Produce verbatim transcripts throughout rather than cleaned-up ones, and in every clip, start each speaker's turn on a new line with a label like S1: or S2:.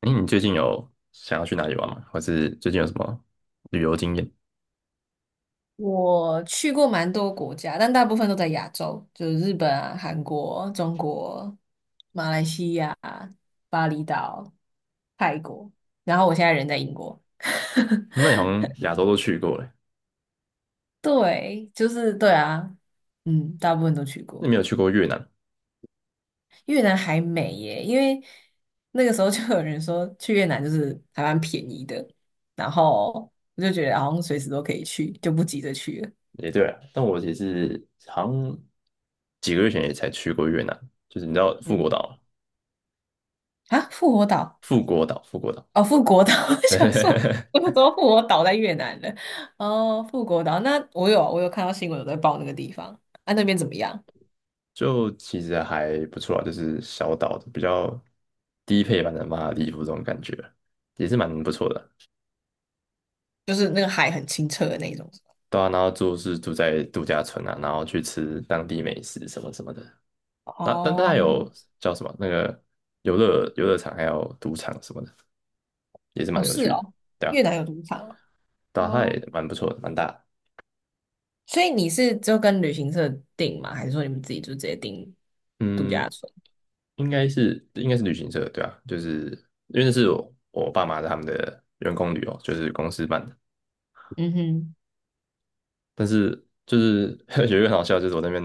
S1: 哎，你最近有想要去哪里玩吗？或是最近有什么旅游经验？
S2: 我去过蛮多国家，但大部分都在亚洲，就是日本啊、韩国、中国、马来西亚、巴厘岛、泰国，然后我现在人在英国。
S1: 那你好像亚洲都去过了，
S2: 对，就是对啊，嗯，大部分都去
S1: 那
S2: 过。
S1: 没有去过越南。
S2: 越南还美耶，因为那个时候就有人说去越南就是还蛮便宜的，然后我就觉得好像随时都可以去，就不急着去了。
S1: 也对啊，但我也是好像几个月前也才去过越南，就是你知道富国
S2: 嗯，
S1: 岛吗？
S2: 啊，复活岛。
S1: 富国岛，富国岛，
S2: 哦，富国岛，我想说，我想 说富国岛在越南了。哦，富国岛，那我有我有看到新闻有在报那个地方，啊，那边怎么样？
S1: 就其实还不错啊，就是小岛的比较低配版的马尔代夫这种感觉，也是蛮不错的。
S2: 就是那个海很清澈的那种。
S1: 对啊，然后住是住在度假村啊，然后去吃当地美食什么什么的。那但大还
S2: 哦，
S1: 有叫什么那个游乐游乐场，还有赌场什么的，也是
S2: 哦，
S1: 蛮有
S2: 是
S1: 趣的。
S2: 哦，
S1: 对啊，
S2: 越南有赌场
S1: 对
S2: 哦。
S1: 啊，它
S2: 哦，
S1: 也蛮不错的，蛮大的。
S2: 所以你是就跟旅行社订吗？还是说你们自己就直接订度
S1: 嗯，
S2: 假村？
S1: 应该是应该是旅行社，对啊，就是因为那是我我爸妈他们的员工旅游，就是公司办的。
S2: 嗯哼，
S1: 但是就是 有一个很好笑，就是我那边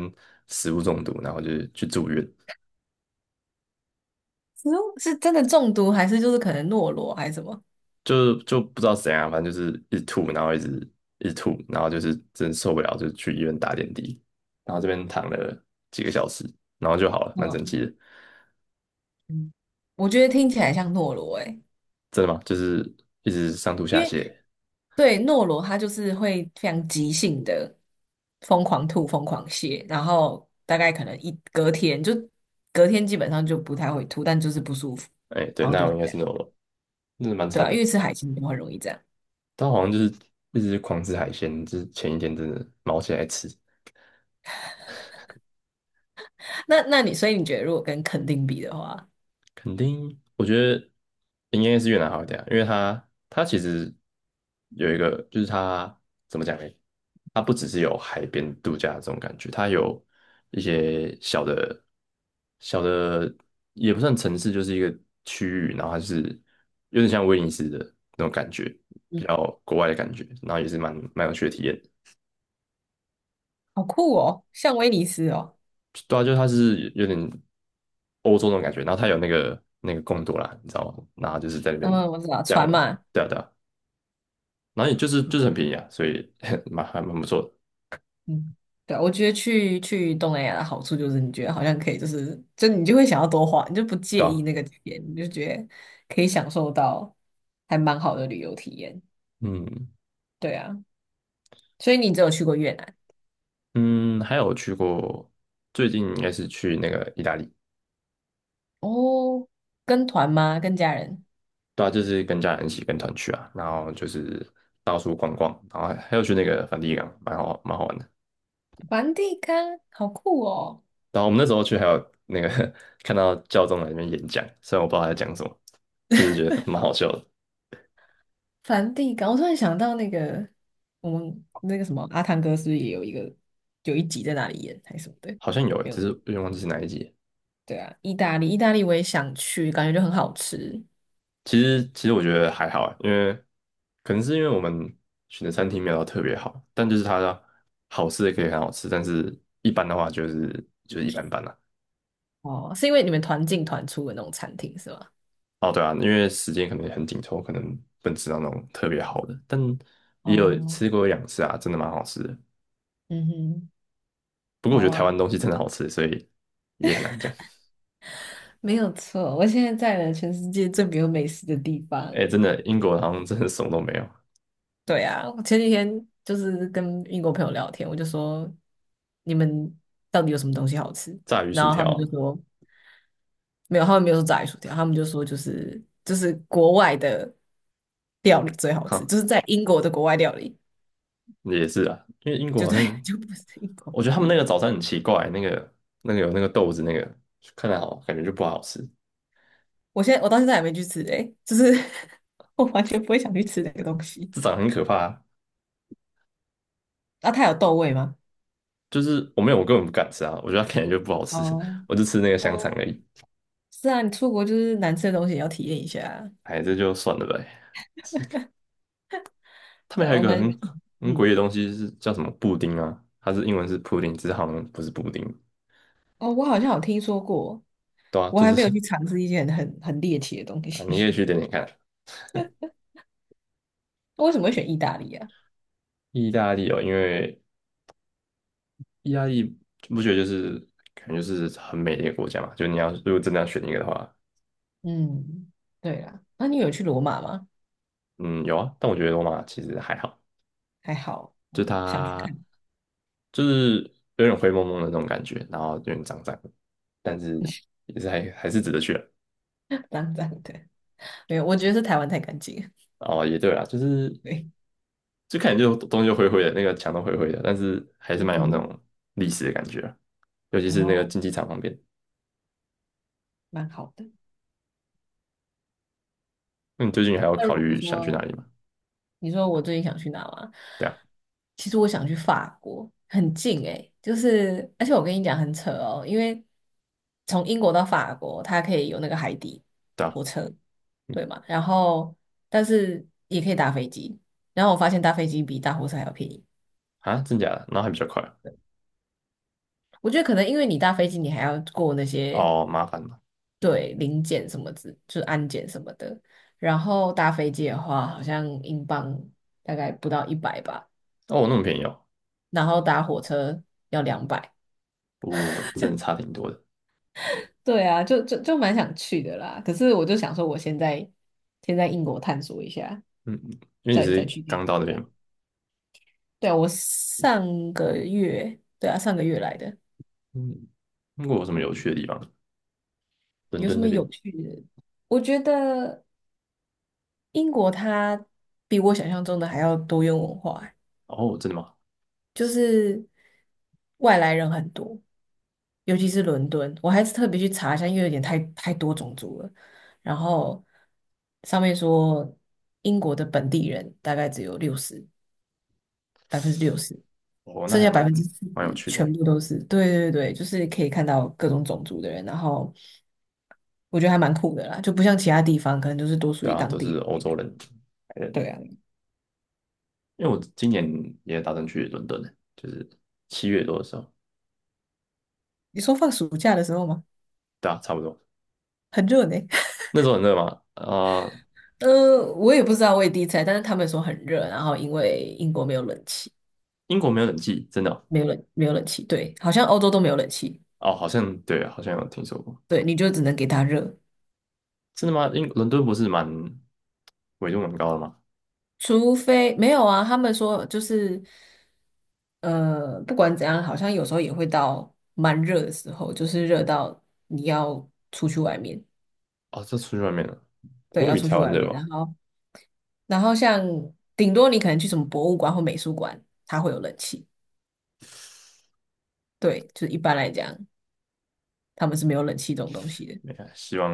S1: 食物中毒，然后就是去住院。
S2: 是哦，是真的中毒，还是就是可能懦罗还是什么？
S1: 就就不知道怎样，反正就是一直吐，然后一直一直吐，然后就是真受不了，就去医院打点滴，然后这边躺了几个小时，然后就好了，蛮神
S2: 嗯
S1: 奇的。
S2: 嗯，我觉得听起来像懦罗诶、
S1: 真的吗？就是一直上吐
S2: 因
S1: 下
S2: 为
S1: 泻，
S2: 对，诺罗他就是会非常即性的疯狂吐、疯狂泻，然后大概可能一隔天就隔天基本上就不太会吐，但就是不舒服，
S1: 哎，对，
S2: 好像
S1: 那
S2: 都
S1: 我
S2: 是
S1: 应该
S2: 这
S1: 是
S2: 样。
S1: no 了，真的蛮
S2: 对
S1: 惨
S2: 啊，因
S1: 的。
S2: 为吃海鲜就很容易这样。
S1: 他好像就是一直狂吃海鲜，就是前一天真的毛起来吃，
S2: 那那你所以你觉得如果跟垦丁比的话，
S1: 肯定，我觉得应该是越南好一点啊，因为它它其实有一个，就是它怎么讲呢？它不只是有海边度假这种感觉，它有一些小的小的也不算城市，就是一个区域，然后它就是有点像威尼斯的那种感觉，比
S2: 嗯，
S1: 较国外的感觉，然后也是蛮蛮有趣的体验。
S2: 好酷哦，像威尼斯哦，
S1: 对啊，就是它是有点欧洲那种感觉，然后它有那个那个贡多啦，你知道吗？然后就是在那边
S2: 嗯，我知道
S1: 载我
S2: 船
S1: 们，
S2: 嘛，
S1: 对啊对啊，然后也就是就是很便宜啊，所以 蛮还蛮不错的，
S2: 嗯，对啊，我觉得去去东南亚的好处就是，你觉得好像可以，就是就你就会想要多花，你就不
S1: 对
S2: 介意
S1: 啊，
S2: 那个钱，你就觉得可以享受到还蛮好的旅游体验。
S1: 嗯
S2: 对啊，所以你只有去过越南
S1: 嗯，还有去过，最近应该是去那个意大利，
S2: 哦？跟团吗？跟家人？
S1: 对啊，就是跟家人一起跟团去啊，然后就是到处逛逛，然后还还有去那个梵蒂冈，蛮好蛮好玩的。
S2: 梵蒂冈，好酷哦！
S1: 然后我们那时候去还有那个 看到教宗在那边演讲，虽然我不知道他在讲什么，但是觉得蛮好笑的。
S2: 梵蒂冈，我突然想到那个我们那个什么阿汤哥是不是也有一个有一集在那里演还是什么的？
S1: 好像有欸，
S2: 没
S1: 只是
S2: 有，
S1: 有点忘记是哪一集。
S2: 对啊，意大利，意大利我也想去，感觉就很好吃。
S1: 其实其实我觉得还好欸，因为可能是因为我们选的餐厅没有到特别好，但就是它的好吃的可以很好吃，但是一般的话就是就是一般般啦。
S2: 哦，是因为你们团进团出的那种餐厅是吗？
S1: 哦，对啊，因为时间可能也很紧凑，可能不能吃到那种特别好的，但也有
S2: 哦，
S1: 吃过一两次啊，真的蛮好吃的。
S2: 嗯哼，
S1: 不过我
S2: 好
S1: 觉得台
S2: 啊，
S1: 湾东西真的好吃，所以也很难讲。
S2: 没有错。我现在在了全世界最没有美食的地方。
S1: 哎，真的，英国好像真的什么都没有，
S2: 对啊，我前几天就是跟英国朋友聊天，我就说你们到底有什么东西好吃？
S1: 炸鱼
S2: 然
S1: 薯
S2: 后他
S1: 条
S2: 们
S1: 啊，
S2: 就说 没有，他们没有说炸鱼薯条，他们就说就是就是国外的料理最好
S1: 哈，
S2: 吃，就是在英国的国外料理，
S1: 也是啊，因为英国
S2: 就
S1: 好
S2: 对，
S1: 像，
S2: 就不是英国
S1: 我觉
S2: 本
S1: 得他们
S2: 地
S1: 那个
S2: 的。
S1: 早餐很奇怪，那个那个有那个豆子，那个看着好，感觉就不好吃，
S2: 我现在我到现在还没去吃哎，就是 我完全不会想去吃这个东西。
S1: 这长得很可怕。
S2: 那它有豆味吗？
S1: 就是我没有，我根本不敢吃啊，我觉得它看起就不好吃，
S2: 哦，
S1: 我就吃那个香
S2: 哦，
S1: 肠而已。
S2: 是啊，你出国就是难吃的东西也要体验一下啊。
S1: 哎，这就算了呗。是他们
S2: 对
S1: 还
S2: 啊，
S1: 有一
S2: 我
S1: 个很
S2: 们
S1: 很诡异
S2: 嗯，
S1: 的东西是叫什么布丁啊？它是英文是 pudding，只是好像不是布丁，
S2: 哦，我好像有听说过，
S1: 对啊，
S2: 我
S1: 就
S2: 还
S1: 是
S2: 没有去尝试一些很很猎奇的东
S1: 啊，你可以
S2: 西。
S1: 去点点看。
S2: 为什么会选意大利啊？
S1: 意大利哦，因为意大利不觉得就是感觉就是很美的一个国家嘛？就你要如果真的要选一个的话，
S2: 嗯，对啦，那你有去罗马吗？
S1: 嗯，有啊，但我觉得罗马其实还好，
S2: 还好，
S1: 就
S2: 哦想去
S1: 它
S2: 看，
S1: 就是有点灰蒙蒙的那种感觉，然后有点脏脏的，但是也是还还是值得去的。
S2: 浪漫的。没有，我觉得是台湾太干净了。
S1: 哦，也对啊，就是
S2: 对，
S1: 就看起来就东西就灰灰的，那个墙都灰灰的，但是还是
S2: 嗯
S1: 蛮有那
S2: 哼，
S1: 种历史的感觉啊，尤其
S2: 然
S1: 是那个
S2: 后
S1: 竞技场旁边。
S2: 蛮好的。
S1: 那你最近还有
S2: 那
S1: 考
S2: 如果
S1: 虑想去哪
S2: 说
S1: 里吗？
S2: 你说我最近想去哪吗？
S1: 对啊，
S2: 其实我想去法国，很近诶，就是而且我跟你讲很扯哦，因为从英国到法国，它可以有那个海底
S1: 对啊，
S2: 火车，对嘛？然后但是也可以搭飞机，然后我发现搭飞机比搭火车还要便宜。
S1: 啊，真假的？然后还比较快啊。
S2: 我觉得可能因为你搭飞机，你还要过那些
S1: 哦，麻烦嘛。
S2: 对临检什么之，就是安检什么的，然后搭飞机的话，好像英镑大概不到一百吧。
S1: 哦，那么便宜哦，
S2: 然后搭火车要两百。
S1: 我、真的差挺多的。
S2: 对啊，就就就蛮想去的啦。可是我就想说，我现在先在英国探索一下，
S1: 嗯，因为你
S2: 再再
S1: 是
S2: 去别
S1: 刚
S2: 的
S1: 到
S2: 国
S1: 那边
S2: 家。
S1: 嘛。
S2: 对啊，我上个月，对啊，上个月来的，
S1: 嗯，英国有什么有趣的地方？伦
S2: 有
S1: 敦
S2: 什
S1: 那
S2: 么
S1: 边？
S2: 有趣的？我觉得英国它比我想象中的还要多元文化。
S1: 哦，真的吗？
S2: 就是外来人很多，尤其是伦敦，我还是特别去查一下，因为有点太太多种族了。然后上面说英国的本地人大概只有六十，百分之六十，
S1: 哦，那
S2: 剩
S1: 还
S2: 下百
S1: 蛮
S2: 分之四
S1: 蛮有
S2: 十
S1: 趣的。
S2: 全部都是，对，对对，就是可以看到各种种族的人。然后我觉得还蛮酷的啦，就不像其他地方可能就是多属
S1: 对
S2: 于
S1: 啊，
S2: 当
S1: 都是
S2: 地
S1: 欧洲
S2: 人。
S1: 人。白
S2: 对
S1: 人，
S2: 啊，
S1: 因为我今年也打算去伦敦的，就是七月多的时候。
S2: 你说放暑假的时候吗？
S1: 对啊，差不多。
S2: 很热呢。
S1: 那时候很热吗？啊、
S2: 呃，我也不知道，我也第一次来，但是他们说很热，然后因为英国没有冷气，
S1: 英国没有冷气，真的哦。
S2: 没有冷，没有冷气，对，好像欧洲都没有冷气，
S1: 哦，好像对啊，好像有听说过。
S2: 对，你就只能给它热，
S1: 真的吗？英伦敦不是蛮纬度蛮高的吗？
S2: 除非没有啊，他们说就是，呃，不管怎样，好像有时候也会到蛮热的时候，就是热到你要出去外面，
S1: 哦，这出去外面了，不
S2: 对，
S1: 会
S2: 要
S1: 比
S2: 出
S1: 台
S2: 去
S1: 湾
S2: 外
S1: 热
S2: 面，
S1: 吧？
S2: 然后然后像顶多你可能去什么博物馆或美术馆，它会有冷气，对，就是一般来讲，他们是没有冷气这种东西的，
S1: 没看，希望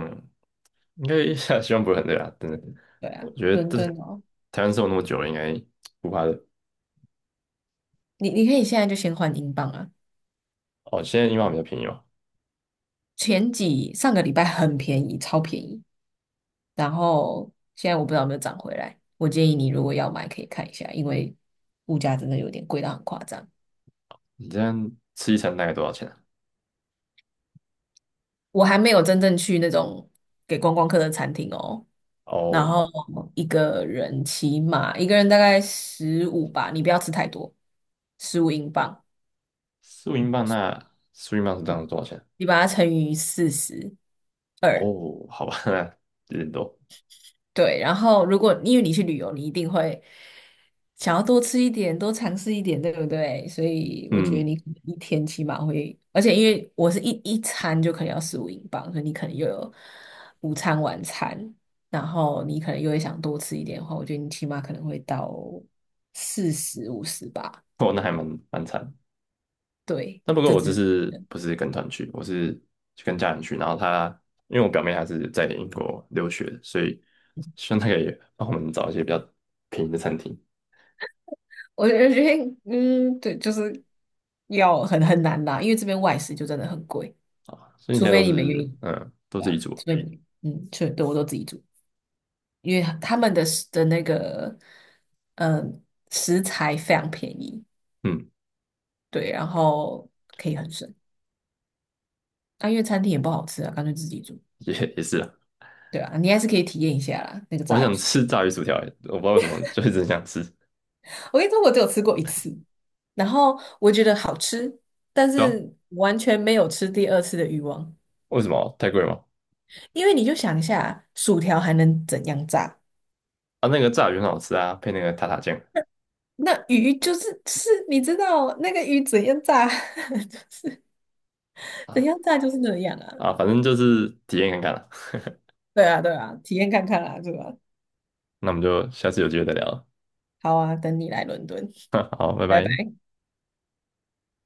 S1: 应该 希望不会很累啊，真的。
S2: 对啊，
S1: 我觉得
S2: 伦敦
S1: 这
S2: 哦。
S1: 台湾生活那么久了，应该不怕累。
S2: 你你可以现在就先换英镑啊。
S1: 哦，现在英镑比较便宜嘛，
S2: 前几上个礼拜很便宜，超便宜，然后现在我不知道有没有涨回来。我建议你如果要买，可以看一下，因为物价真的有点贵到很夸张。
S1: 你这样吃一餐大概多少钱啊？
S2: 我还没有真正去那种给观光客的餐厅哦。然
S1: 哦，
S2: 后一个人起码一个人大概十五吧，你不要吃太多，十五英镑，
S1: 四五英镑，那四五英镑是这样多少钱？
S2: 你把它乘以四十。二。
S1: 哦，好吧，那有点多。
S2: 对，然后如果因为你去旅游，你一定会想要多吃一点，多尝试一点，对不对？所以我觉得
S1: 嗯，
S2: 你可能一天起码会，而且因为我是一一餐就可能要十五英镑，所以你可能又有午餐、晚餐，然后你可能又会想多吃一点的话，我觉得你起码可能会到四十、五十吧。
S1: 哦，那还蛮蛮惨。
S2: 对，
S1: 那不过
S2: 这
S1: 我这
S2: 只
S1: 次不是跟团去，我是去跟家人去。然后他因为我表妹还是在英国留学的，所以希望她可以帮我们找一些比较便宜的餐厅。
S2: 我觉得，嗯，对，就是要很很难啦，因为这边外食就真的很贵。
S1: 所以你现
S2: 除
S1: 在都
S2: 非你们愿
S1: 是
S2: 意，
S1: 嗯，都
S2: 对
S1: 自
S2: 啊，
S1: 己
S2: 除
S1: 煮，
S2: 非你除嗯，是，对，我都自己煮，因为他们的食的那个嗯呃食材非常便宜，
S1: 嗯，
S2: 对，然后可以很省。啊，因为餐厅也不好吃啊，干脆自己煮，
S1: 也也是啊。
S2: 对啊，你还是可以体验一下啦，那个
S1: 我很
S2: 炸鱼
S1: 想
S2: 薯条。
S1: 吃炸鱼薯条欸，我不知道为什么，就是直很想吃。
S2: 我跟你说，我只有吃过一次，然后我觉得好吃，但
S1: 对啊，
S2: 是完全没有吃第二次的欲望，
S1: 为什么？太贵吗？
S2: 因为你就想一下，薯条还能怎样炸？
S1: 啊，那个炸鱼很好吃啊，配那个塔塔酱
S2: 那鱼就是是，你知道那个鱼怎样炸，就是怎
S1: 啊，
S2: 样炸就是那样啊。
S1: 啊，反正就是体验看看了。
S2: 对啊，对啊，体验看看啦，对吧？
S1: 那我们就下次有机会再聊了，
S2: 好啊，等你来伦敦，
S1: 好，拜
S2: 拜拜。
S1: 拜。